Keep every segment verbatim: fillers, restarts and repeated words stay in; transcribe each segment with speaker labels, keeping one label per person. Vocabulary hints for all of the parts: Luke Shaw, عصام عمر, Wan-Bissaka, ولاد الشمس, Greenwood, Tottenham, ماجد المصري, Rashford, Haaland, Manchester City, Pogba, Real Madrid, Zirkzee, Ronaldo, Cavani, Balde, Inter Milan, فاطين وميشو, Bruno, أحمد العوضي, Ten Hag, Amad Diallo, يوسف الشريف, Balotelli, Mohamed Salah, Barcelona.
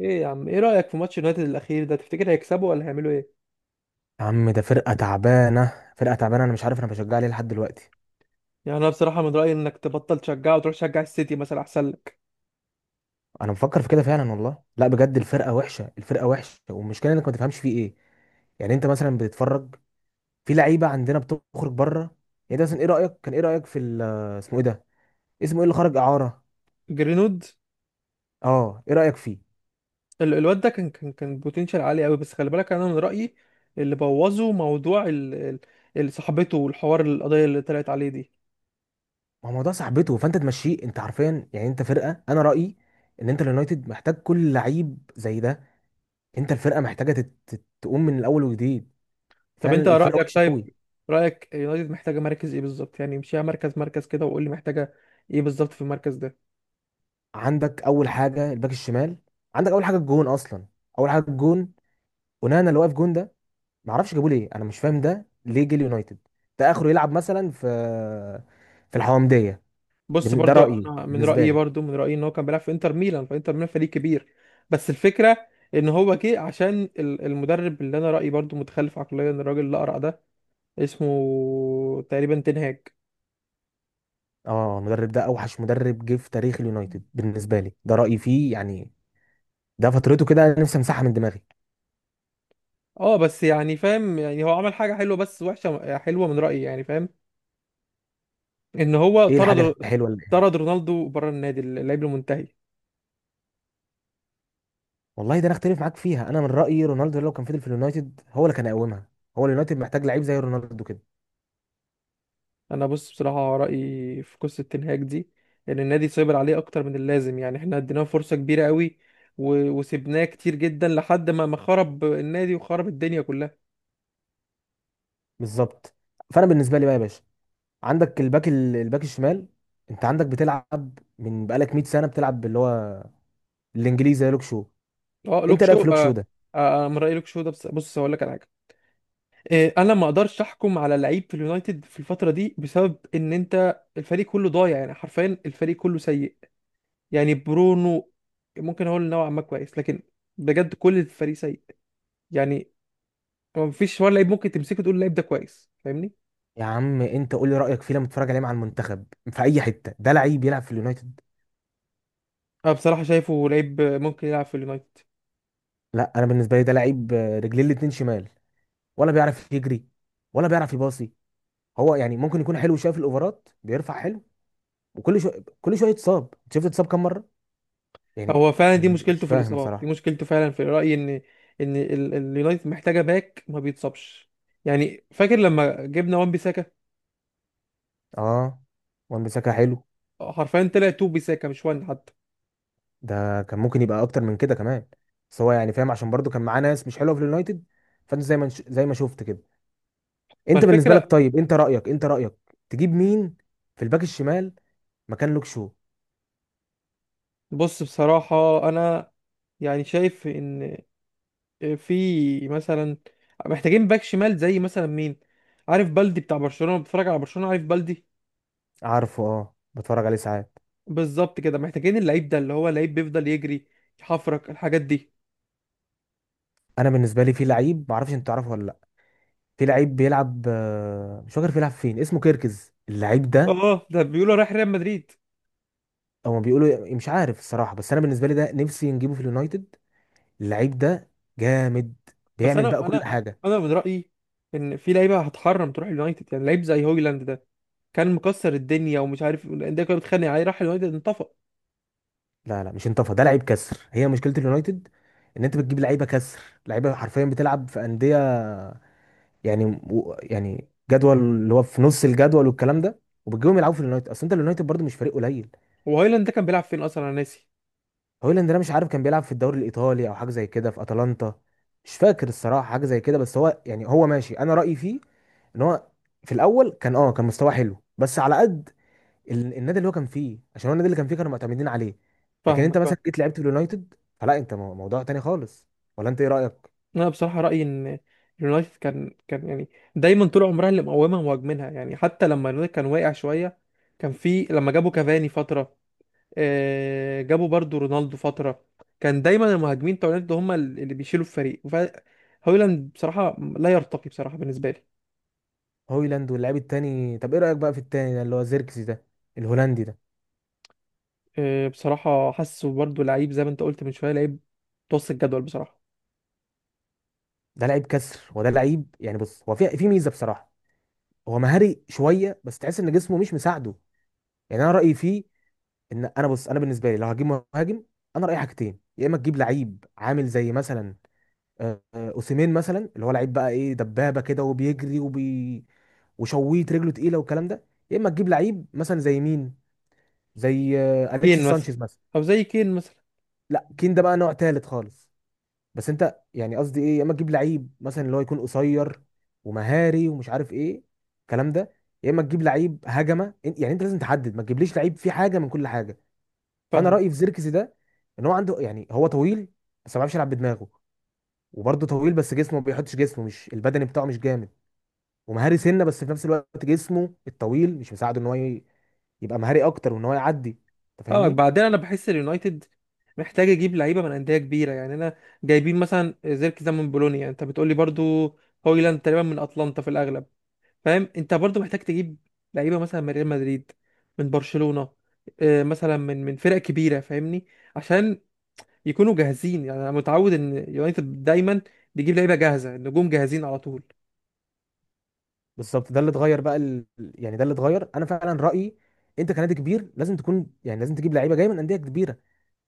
Speaker 1: ايه يا عم، ايه رأيك في ماتش يونايتد الأخير ده؟ تفتكر هيكسبوا ولا هيعملوا ايه؟
Speaker 2: يا عم، ده فرقة تعبانة فرقة تعبانة. أنا مش عارف أنا بشجع ليه لحد دلوقتي.
Speaker 1: يعني انا بصراحة من رأيي انك تبطل تشجعه وتروح تشجع السيتي مثلا، احسن لك.
Speaker 2: أنا مفكر في كده فعلا والله. لا بجد، الفرقة وحشة الفرقة وحشة، والمشكلة إنك ما تفهمش فيه إيه. يعني أنت مثلا بتتفرج، في لعيبة عندنا بتخرج بره. يعني ده مثلا، إيه رأيك كان إيه رأيك في ال- آه، اسمه إيه ده؟ اسمه إيه اللي خرج إعارة؟
Speaker 1: جرينوود.
Speaker 2: أه، إيه رأيك فيه؟
Speaker 1: ال- الواد ده كان كان كان بوتنشال عالي قوي، بس خلي بالك انا من رأيي اللي بوظه موضوع ال ال ال- صاحبته والحوار، القضية اللي طلعت عليه دي.
Speaker 2: ما هو الموضوع صاحبته، فأنت تمشيه. أنت عارفين يعني، أنت فرقة، أنا رأيي إن أنت اليونايتد محتاج كل لعيب زي ده. أنت الفرقة محتاجة تت- تت- تقوم من الأول وجديد.
Speaker 1: طب
Speaker 2: فعلا
Speaker 1: انت
Speaker 2: الفرقة
Speaker 1: رأيك،
Speaker 2: وحشة قوي.
Speaker 1: طيب رأيك يونايتد محتاجة مركز ايه بالظبط؟ يعني امشيها مركز مركز كده وقول لي محتاجة ايه بالظبط في المركز ده.
Speaker 2: عندك اول حاجه الباك الشمال. عندك اول حاجه الجون اصلا. اول حاجه الجون، اونانا اللي واقف جون ده. ما اعرفش جابوه ليه، انا مش فاهم ده ليه جه اليونايتد. ده اخره يلعب مثلا في في الحومديه.
Speaker 1: بص،
Speaker 2: بن- ده
Speaker 1: برضو
Speaker 2: رايي
Speaker 1: انا من
Speaker 2: بالنسبه
Speaker 1: رايي،
Speaker 2: لي.
Speaker 1: برضو من رايي ان هو كان بيلعب في انتر ميلان، فانتر ميلان فريق كبير. بس الفكره ان هو جه عشان ال- المدرب، اللي انا رايي برضو متخلف عقليا، الراجل اللي اقرع ده اسمه تقريبا تنهاج.
Speaker 2: اه، المدرب ده اوحش مدرب جه في تاريخ اليونايتد بالنسبه لي، ده رايي فيه يعني. ده فترته كده انا نفسي امسحها من دماغي.
Speaker 1: اه، بس يعني فاهم، يعني هو عمل حاجه حلوه بس وحشه، حلوه من رايي، يعني فاهم ان هو
Speaker 2: ايه
Speaker 1: طرد،
Speaker 2: الحاجه الحلوه اللي...
Speaker 1: طرد رونالدو بره النادي، اللاعب المنتهي.
Speaker 2: والله ده انا اختلف معاك فيها. انا من رايي رونالدو لو كان فضل في اليونايتد هو اللي كان يقومها. هو اليونايتد محتاج لعيب زي رونالدو كده.
Speaker 1: انا، بص، بصراحه رايي في قصه تنهاج دي، ان النادي سيطر عليه اكتر من اللازم، يعني احنا اديناه فرصه كبيره قوي و... وسبناه كتير جدا لحد ما ما خرب النادي وخرب الدنيا كلها.
Speaker 2: بالظبط. فانا بالنسبه لي بقى يا باشا، عندك الباك ال- الباك الشمال. انت عندك بتلعب من بقالك مية سنه، بتلعب اللي هو الانجليزي زي لوك شو.
Speaker 1: اه، لوك
Speaker 2: انت رايك
Speaker 1: شو،
Speaker 2: في لوك شو
Speaker 1: آه.
Speaker 2: ده؟
Speaker 1: آه، انا من رايي لوك شو ده، بس بص هقول لك على حاجه. آه، انا ما اقدرش احكم على لعيب في اليونايتد في الفتره دي، بسبب ان انت الفريق كله ضايع، يعني حرفيا الفريق كله سيء. يعني برونو ممكن اقول نوعا ما كويس، لكن بجد كل الفريق سيء، يعني ما فيش ولا لعيب ممكن تمسكه تقول اللعيب ده كويس، فاهمني.
Speaker 2: يا عم انت قول لي رايك فيه لما تتفرج عليه مع المنتخب. في اي حته ده لعيب يلعب في اليونايتد؟
Speaker 1: أنا بصراحة شايفه لعيب ممكن يلعب في اليونايتد.
Speaker 2: لا، انا بالنسبه لي ده لعيب، آه، رجليه الاتنين شمال. ولا بيعرف يجري ولا بيعرف يباصي. هو يعني ممكن يكون حلو شويه في الاوفرات، بيرفع حلو. وكل شويه كل شويه يتصاب، شفت اتصاب كام مره يعني.
Speaker 1: هو فعلا دي
Speaker 2: أنا مش مش
Speaker 1: مشكلته في
Speaker 2: فاهم
Speaker 1: الإصابات، دي
Speaker 2: بصراحه.
Speaker 1: مشكلته فعلا، في رأيي إن إن ال- اليونايتد محتاجة باك ما بيتصابش، يعني فاكر لما جبنا وان بيساكا،
Speaker 2: اه، وان بيساكا حلو.
Speaker 1: حرفيا طلع تو بيساكا مش وان حتى.
Speaker 2: ده كان ممكن يبقى اكتر من كده كمان. بس هو يعني فاهم، عشان برضو كان معاه ناس مش حلوه في اليونايتد. فانت زي ما نش- زي ما شفت كده.
Speaker 1: ما
Speaker 2: انت بالنسبه لك
Speaker 1: الفكرة،
Speaker 2: طيب، انت رايك انت رايك تجيب مين في الباك الشمال مكان لوك شو؟
Speaker 1: بص بصراحة أنا يعني شايف إن في مثلا، محتاجين باك شمال زي مثلا مين؟ عارف بلدي بتاع برشلونة، بتفرج على برشلونة، عارف بلدي؟
Speaker 2: عارفه، اه بتفرج عليه ساعات.
Speaker 1: بالظبط كده، محتاجين اللعيب ده اللي هو لعيب بيفضل يجري، يحفرك الحاجات دي.
Speaker 2: انا بالنسبه لي في لعيب، ما اعرفش انت تعرفه ولا لا. في لعيب بيلعب، آه، مش فاكر بيلعب فين، اسمه كيركز اللعيب ده.
Speaker 1: اه، ده بيقولوا رايح ريال مدريد.
Speaker 2: او ما بيقولوا إيه، مش عارف الصراحه، بس انا بالنسبه لي ده نفسي نجيبه في اليونايتد. اللعيب ده جامد،
Speaker 1: بس
Speaker 2: بيعمل بقى
Speaker 1: انا
Speaker 2: كل
Speaker 1: انا
Speaker 2: حاجه.
Speaker 1: انا من رايي ان في لعيبه هتحرم تروح اليونايتد، يعني لعيب زي هويلاند ده، كان مكسر الدنيا ومش عارف، الانديه كانت بتتخانق عليه، راح اليونايتد انطفى.
Speaker 2: لا، لا، مش انطفى. ده لعيب كسر، هي مشكله اليونايتد. ان انت بتجيب لعيبه كسر، لعيبه حرفيا بتلعب في انديه يعني، و- يعني جدول اللي هو في نص الجدول والكلام ده، وبتجيبهم يلعبوا في اليونايتد، اصل انت اليونايتد برضه مش فريق قليل.
Speaker 1: هو هويلاند ده كان بيلعب فين اصلا؟ انا ناسي.
Speaker 2: هويلاند ده مش عارف، كان بيلعب في الدوري الايطالي او حاجه زي كده، في اتلانتا. مش فاكر الصراحه حاجه زي كده، بس هو يعني هو ماشي. انا رايي فيه ان هو، في الاول كان اه كان مستواه حلو بس على قد ال- النادي اللي هو كان فيه، عشان هو النادي اللي كان فيه كانوا معتمدين عليه. لكن انت
Speaker 1: فاهمك، فاهم.
Speaker 2: مثلا جيت لعبت في اليونايتد، فلا انت مو- موضوع تاني خالص. ولا انت ايه رايك؟
Speaker 1: انا بصراحه رايي ان اليونايتد كان كان يعني دايما طول عمرها اللي مقومها مهاجمينها، يعني حتى لما اليونايتد كان واقع شويه، كان في لما جابوا كافاني فتره، آه، جابوا برضو رونالدو فترة، كان دايما المهاجمين بتوع اليونايتد هم اللي بيشيلوا الفريق، ف- هويلاند بصراحة لا يرتقي بصراحة بالنسبة لي.
Speaker 2: هويلاند واللعيب التاني، طب ايه رايك بقى في التاني ده اللي هو زيركسي ده، الهولندي ده؟
Speaker 1: آه، بصراحة حاسه برضو لعيب زي ما انت قلت من شوية، لعيب متوسط الجدول بصراحة.
Speaker 2: ده لعيب كسر، وده لعيب يعني، بص هو في في ميزه بصراحه. هو مهاري شويه، بس تحس ان جسمه مش مساعده. يعني انا رايي فيه ان انا، بص انا بالنسبه لي لو هجيب مهاجم، انا رايي حاجتين، يا اما تجيب لعيب عامل زي مثلا آه، اوسيمين مثلا، اللي هو لعيب بقى ايه، دبابه كده وبيجري وبي وشويت رجله تقيله والكلام ده. يا اما تجيب لعيب مثلا زي مين، زي آه، اليكس
Speaker 1: كين مثلا،
Speaker 2: سانشيز مثلا.
Speaker 1: او زي كين مثلا.
Speaker 2: لا، كين ده بقى نوع تالت خالص. بس انت يعني قصدي ايه، يا اما تجيب لعيب مثلا اللي هو يكون قصير ومهاري ومش عارف ايه، الكلام ده. يا اما تجيب لعيب هجمه، إن- يعني انت لازم تحدد، ما تجيبليش لعيب فيه حاجه من كل حاجه. فانا
Speaker 1: فاهمك،
Speaker 2: رايي في زيركسي ده، ان هو عنده يعني هو طويل، بس ما بيعرفش يلعب بدماغه. وبرضه طويل بس جسمه ما بيحطش جسمه، مش البدني بتاعه مش جامد. ومهاري سنه، بس في نفس الوقت جسمه الطويل مش مساعده ان هو ي- يبقى مهاري اكتر وان هو يعدي. انت
Speaker 1: اه،
Speaker 2: فاهمني؟
Speaker 1: بعدين انا بحس اليونايتد محتاج يجيب لعيبة من أندية كبيرة، يعني انا، جايبين مثلا زيركزي ده من بولونيا، انت بتقولي برضو، هويلاند تقريبا من اتلانتا في الاغلب، فاهم، انت برضو محتاج تجيب لعيبه مثلا من ريال مدريد، من برشلونه، آه، مثلا من من فرق كبيره، فاهمني، عشان يكونوا جاهزين، يعني انا متعود ان يونايتد دايما بيجيب لعيبه جاهزه، النجوم جاهزين على طول.
Speaker 2: بالظبط، ده اللي اتغير بقى ال... يعني ده اللي اتغير، انا فعلا رايي، انت كنادي كبير لازم تكون، يعني لازم تجيب لعيبه جايه من انديه كبيره.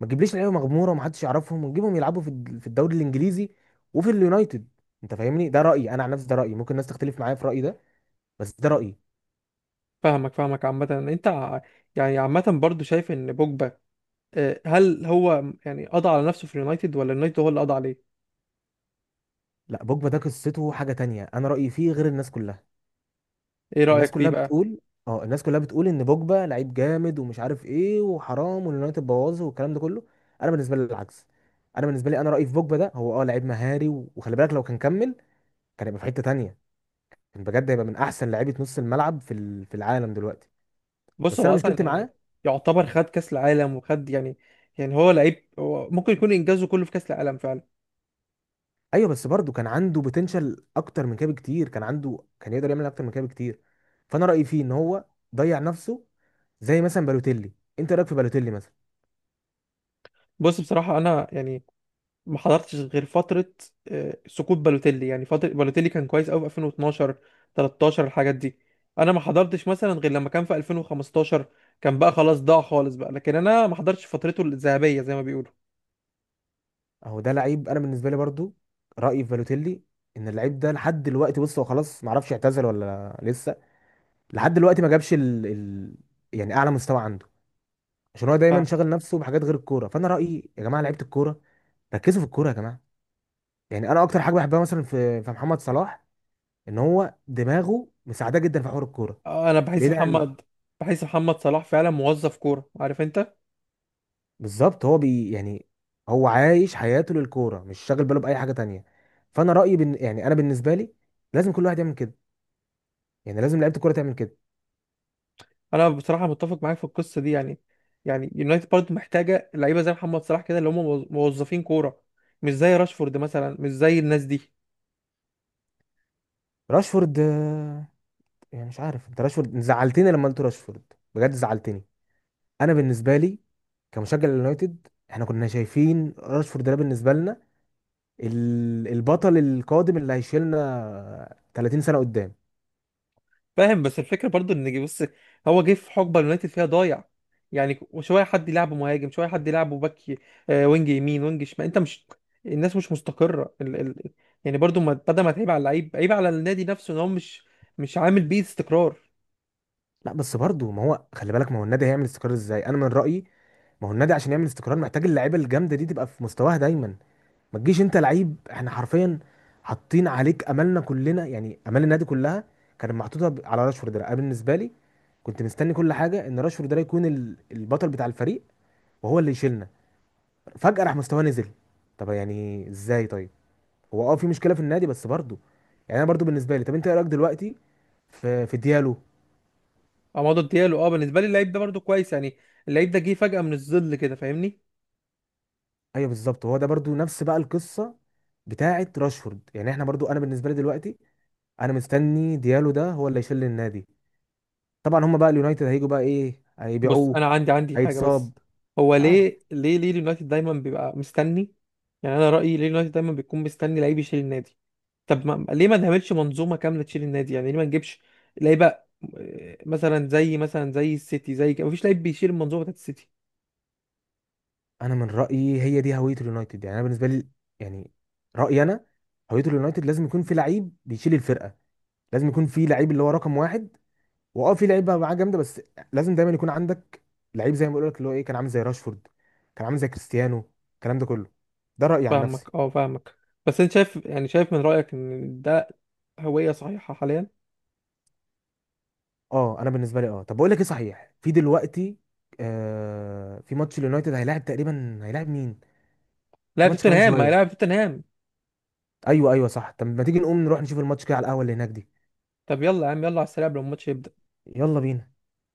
Speaker 2: ما تجيبليش لعيبه مغموره ومحدش يعرفهم، وتجيبهم يلعبوا في الد- في الدوري الانجليزي وفي اليونايتد. انت فاهمني؟ ده رايي انا عن نفسي، ده رايي ممكن الناس تختلف معايا في رايي ده، بس ده رايي.
Speaker 1: فاهمك، فاهمك، عامه، انت ع- يعني عامه برضو شايف ان بوجبا، آه، هل هو يعني قضى على نفسه في اليونايتد، ولا اليونايتد هو اللي قضى عليه؟
Speaker 2: لا، بوجبا ده قصته حاجه تانية، انا رايي فيه غير الناس كلها.
Speaker 1: ايه
Speaker 2: الناس
Speaker 1: رايك فيه
Speaker 2: كلها
Speaker 1: بقى؟
Speaker 2: بتقول، اه الناس كلها بتقول ان بوجبا لعيب جامد ومش عارف ايه وحرام واليونايتد بوظه والكلام ده كله. انا بالنسبه لي العكس. انا بالنسبه لي، انا رايي في بوجبا ده، هو اه لعيب مهاري، و- وخلي بالك لو كان كمل كان يبقى في حته تانية. كان بجد هيبقى من احسن لعيبه نص الملعب في ال- في العالم دلوقتي.
Speaker 1: بص
Speaker 2: بس
Speaker 1: هو
Speaker 2: انا
Speaker 1: اصلا
Speaker 2: مشكلتي
Speaker 1: يعني
Speaker 2: معاه.
Speaker 1: يعتبر خد كاس العالم وخد، يعني يعني هو لعيب، هو ممكن يكون انجازه كله في كاس العالم فعلا.
Speaker 2: ايوه، بس برضه كان عنده بوتنشال اكتر من كده بكتير، كان عنده كان يقدر يعمل اكتر من كده بكتير. فانا رايي فيه ان هو ضيع نفسه، زي مثلا بالوتيلي. انت إيه رايك في بالوتيلي مثلا؟
Speaker 1: بص بصراحه انا يعني ما حضرتش غير فترة، آه، سقوط بالوتيلي، يعني فترة بالوتيلي كان كويس قوي في ألفين واتناشر، تلتاشر، الحاجات دي، انا ما حضرتش مثلا غير لما كان في ألفين وخمستاشر، كان بقى خلاص ضاع خالص بقى، لكن انا ما حضرتش فترته الذهبية زي ما بيقولوا.
Speaker 2: اهو ده لعيب. انا بالنسبه لي برضو، رايي في بالوتيلي ان اللعيب ده لحد دلوقتي، بص هو خلاص ما اعرفش اعتزل ولا لسه، لحد دلوقتي ما جابش ال... ال... يعني اعلى مستوى عنده. عشان هو دايما
Speaker 1: فاهمك،
Speaker 2: شاغل نفسه بحاجات غير الكوره، فانا رايي يا جماعه، لعيبه الكوره، ركزوا في الكوره يا جماعه. يعني انا اكتر حاجه بحبها مثلا في في محمد صلاح، ان هو دماغه مساعده جدا في حوار الكوره،
Speaker 1: انا بحس
Speaker 2: بعيد عن...
Speaker 1: محمد بحس محمد صلاح فعلا موظف كوره، عارف انت.
Speaker 2: بالظبط، هو بي يعني هو عايش حياته للكوره، مش شاغل باله باي حاجه تانية. فانا رايي بن... يعني انا بالنسبه لي، لازم كل واحد يعمل كده. يعني لازم لعيبه الكوره تعمل كده.
Speaker 1: انا بصراحه متفق معاك في القصه دي، يعني يعني يونايتد برضه محتاجه لعيبه زي محمد صلاح كده، اللي هم موظ- موظفين كوره، مش زي راشفورد مثلا، مش زي الناس دي.
Speaker 2: راشفورد، آه، يعني مش عارف، انت راشفورد زعلتني لما قلت راشفورد، بجد زعلتني. انا بالنسبه لي كمشجع لليونايتد، احنا كنا شايفين راشفورد ده بالنسبه لنا ال- البطل القادم اللي هيشيلنا تلاتين سنه قدام.
Speaker 1: فاهم، بس الفكره برضو، ان جه- بص، هو جه في حقبه اليونايتد فيها ضايع، يعني شويه حد يلعبه مهاجم، شويه حد يلعبه باك، ي- آه، وينج يمين، وينج شمال، انت مش، الناس مش مستقره، ال... ال... يعني برضو ما... بدل ما تعيب على اللعيب، عيب على النادي نفسه، ان هو مش مش عامل بيه استقرار.
Speaker 2: لا، بس برضه ما هو خلي بالك، ما هو النادي هيعمل استقرار ازاي؟ انا من رايي، ما هو النادي عشان يعمل استقرار محتاج اللعيبه الجامده دي تبقى في مستواها دايما. ما تجيش انت لعيب احنا حرفيا حاطين عليك املنا كلنا، يعني امال النادي كلها كانت محطوطه ب- على راشفورد ده. انا بالنسبه لي كنت مستني كل حاجه ان راشفورد ده يكون ال- البطل بتاع الفريق، وهو اللي يشيلنا. فجاه راح مستواه نزل. طب يعني ازاي طيب؟ هو اه في مشكله في النادي بس برضه. يعني انا برضه بالنسبه لي، طب انت ايه رايك دلوقتي في في ديالو؟
Speaker 1: عمادو ديالو، اه، بالنسبه لي اللعيب ده برضو كويس، يعني اللعيب ده جه فجاه من الظل كده، فاهمني.
Speaker 2: ايوه بالظبط، هو ده برضه نفس بقى القصه بتاعه راشفورد، يعني احنا برضه، انا بالنسبه لي دلوقتي انا مستني ديالو ده هو اللي يشيل النادي. طبعا هم بقى اليونايتد هيجوا بقى ايه،
Speaker 1: بص
Speaker 2: هيبيعوه،
Speaker 1: انا عندي عندي حاجه
Speaker 2: هيتصاب.
Speaker 1: بس، هو
Speaker 2: مش
Speaker 1: ليه
Speaker 2: عارف.
Speaker 1: ليه ليه اليونايتد دايما بيبقى مستني؟ يعني انا رايي، ليه اليونايتد دايما بيكون مستني لعيب يشيل النادي؟ طب ما ليه ما نعملش منظومه كامله تشيل النادي؟ يعني ليه ما نجيبش لعيبه، آه، مثلا زي مثلا زي السيتي، زي كده مفيش لعيب بيشيل المنظومه بتاعت السيتي.
Speaker 2: انا من رايي هي دي هويه اليونايتد، يعني انا بالنسبه لي، يعني رايي انا، هويه اليونايتد لازم يكون في لعيب بيشيل الفرقه. لازم يكون في لعيب اللي هو رقم واحد، واه في لعيب بقى معاه جامده بس. لازم دايما يكون عندك لعيب، زي ما بقول لك اللي هو ايه، كان عامل زي راشفورد، كان عامل زي كريستيانو، الكلام ده كله. ده رايي عن نفسي.
Speaker 1: فاهمك، اه، فاهمك، بس انت شايف، يعني شايف من رايك ان ده هويه صحيحه حاليا؟
Speaker 2: اه، انا بالنسبه لي، اه طب بقول لك ايه صحيح في دلوقتي. آه في ماتش اليونايتد، هيلاعب تقريبا هيلاعب مين؟ في
Speaker 1: لاعب
Speaker 2: ماتش كمان
Speaker 1: توتنهام هيلاعب
Speaker 2: شويه.
Speaker 1: توتنهام.
Speaker 2: ايوه، ايوه، صح. طب ما تيجي نقوم نروح نشوف الماتش كده على القهوه اللي هناك دي؟
Speaker 1: طب يلا يا عم، يلا على السريع قبل ما الماتش يبدأ.
Speaker 2: يلا بينا.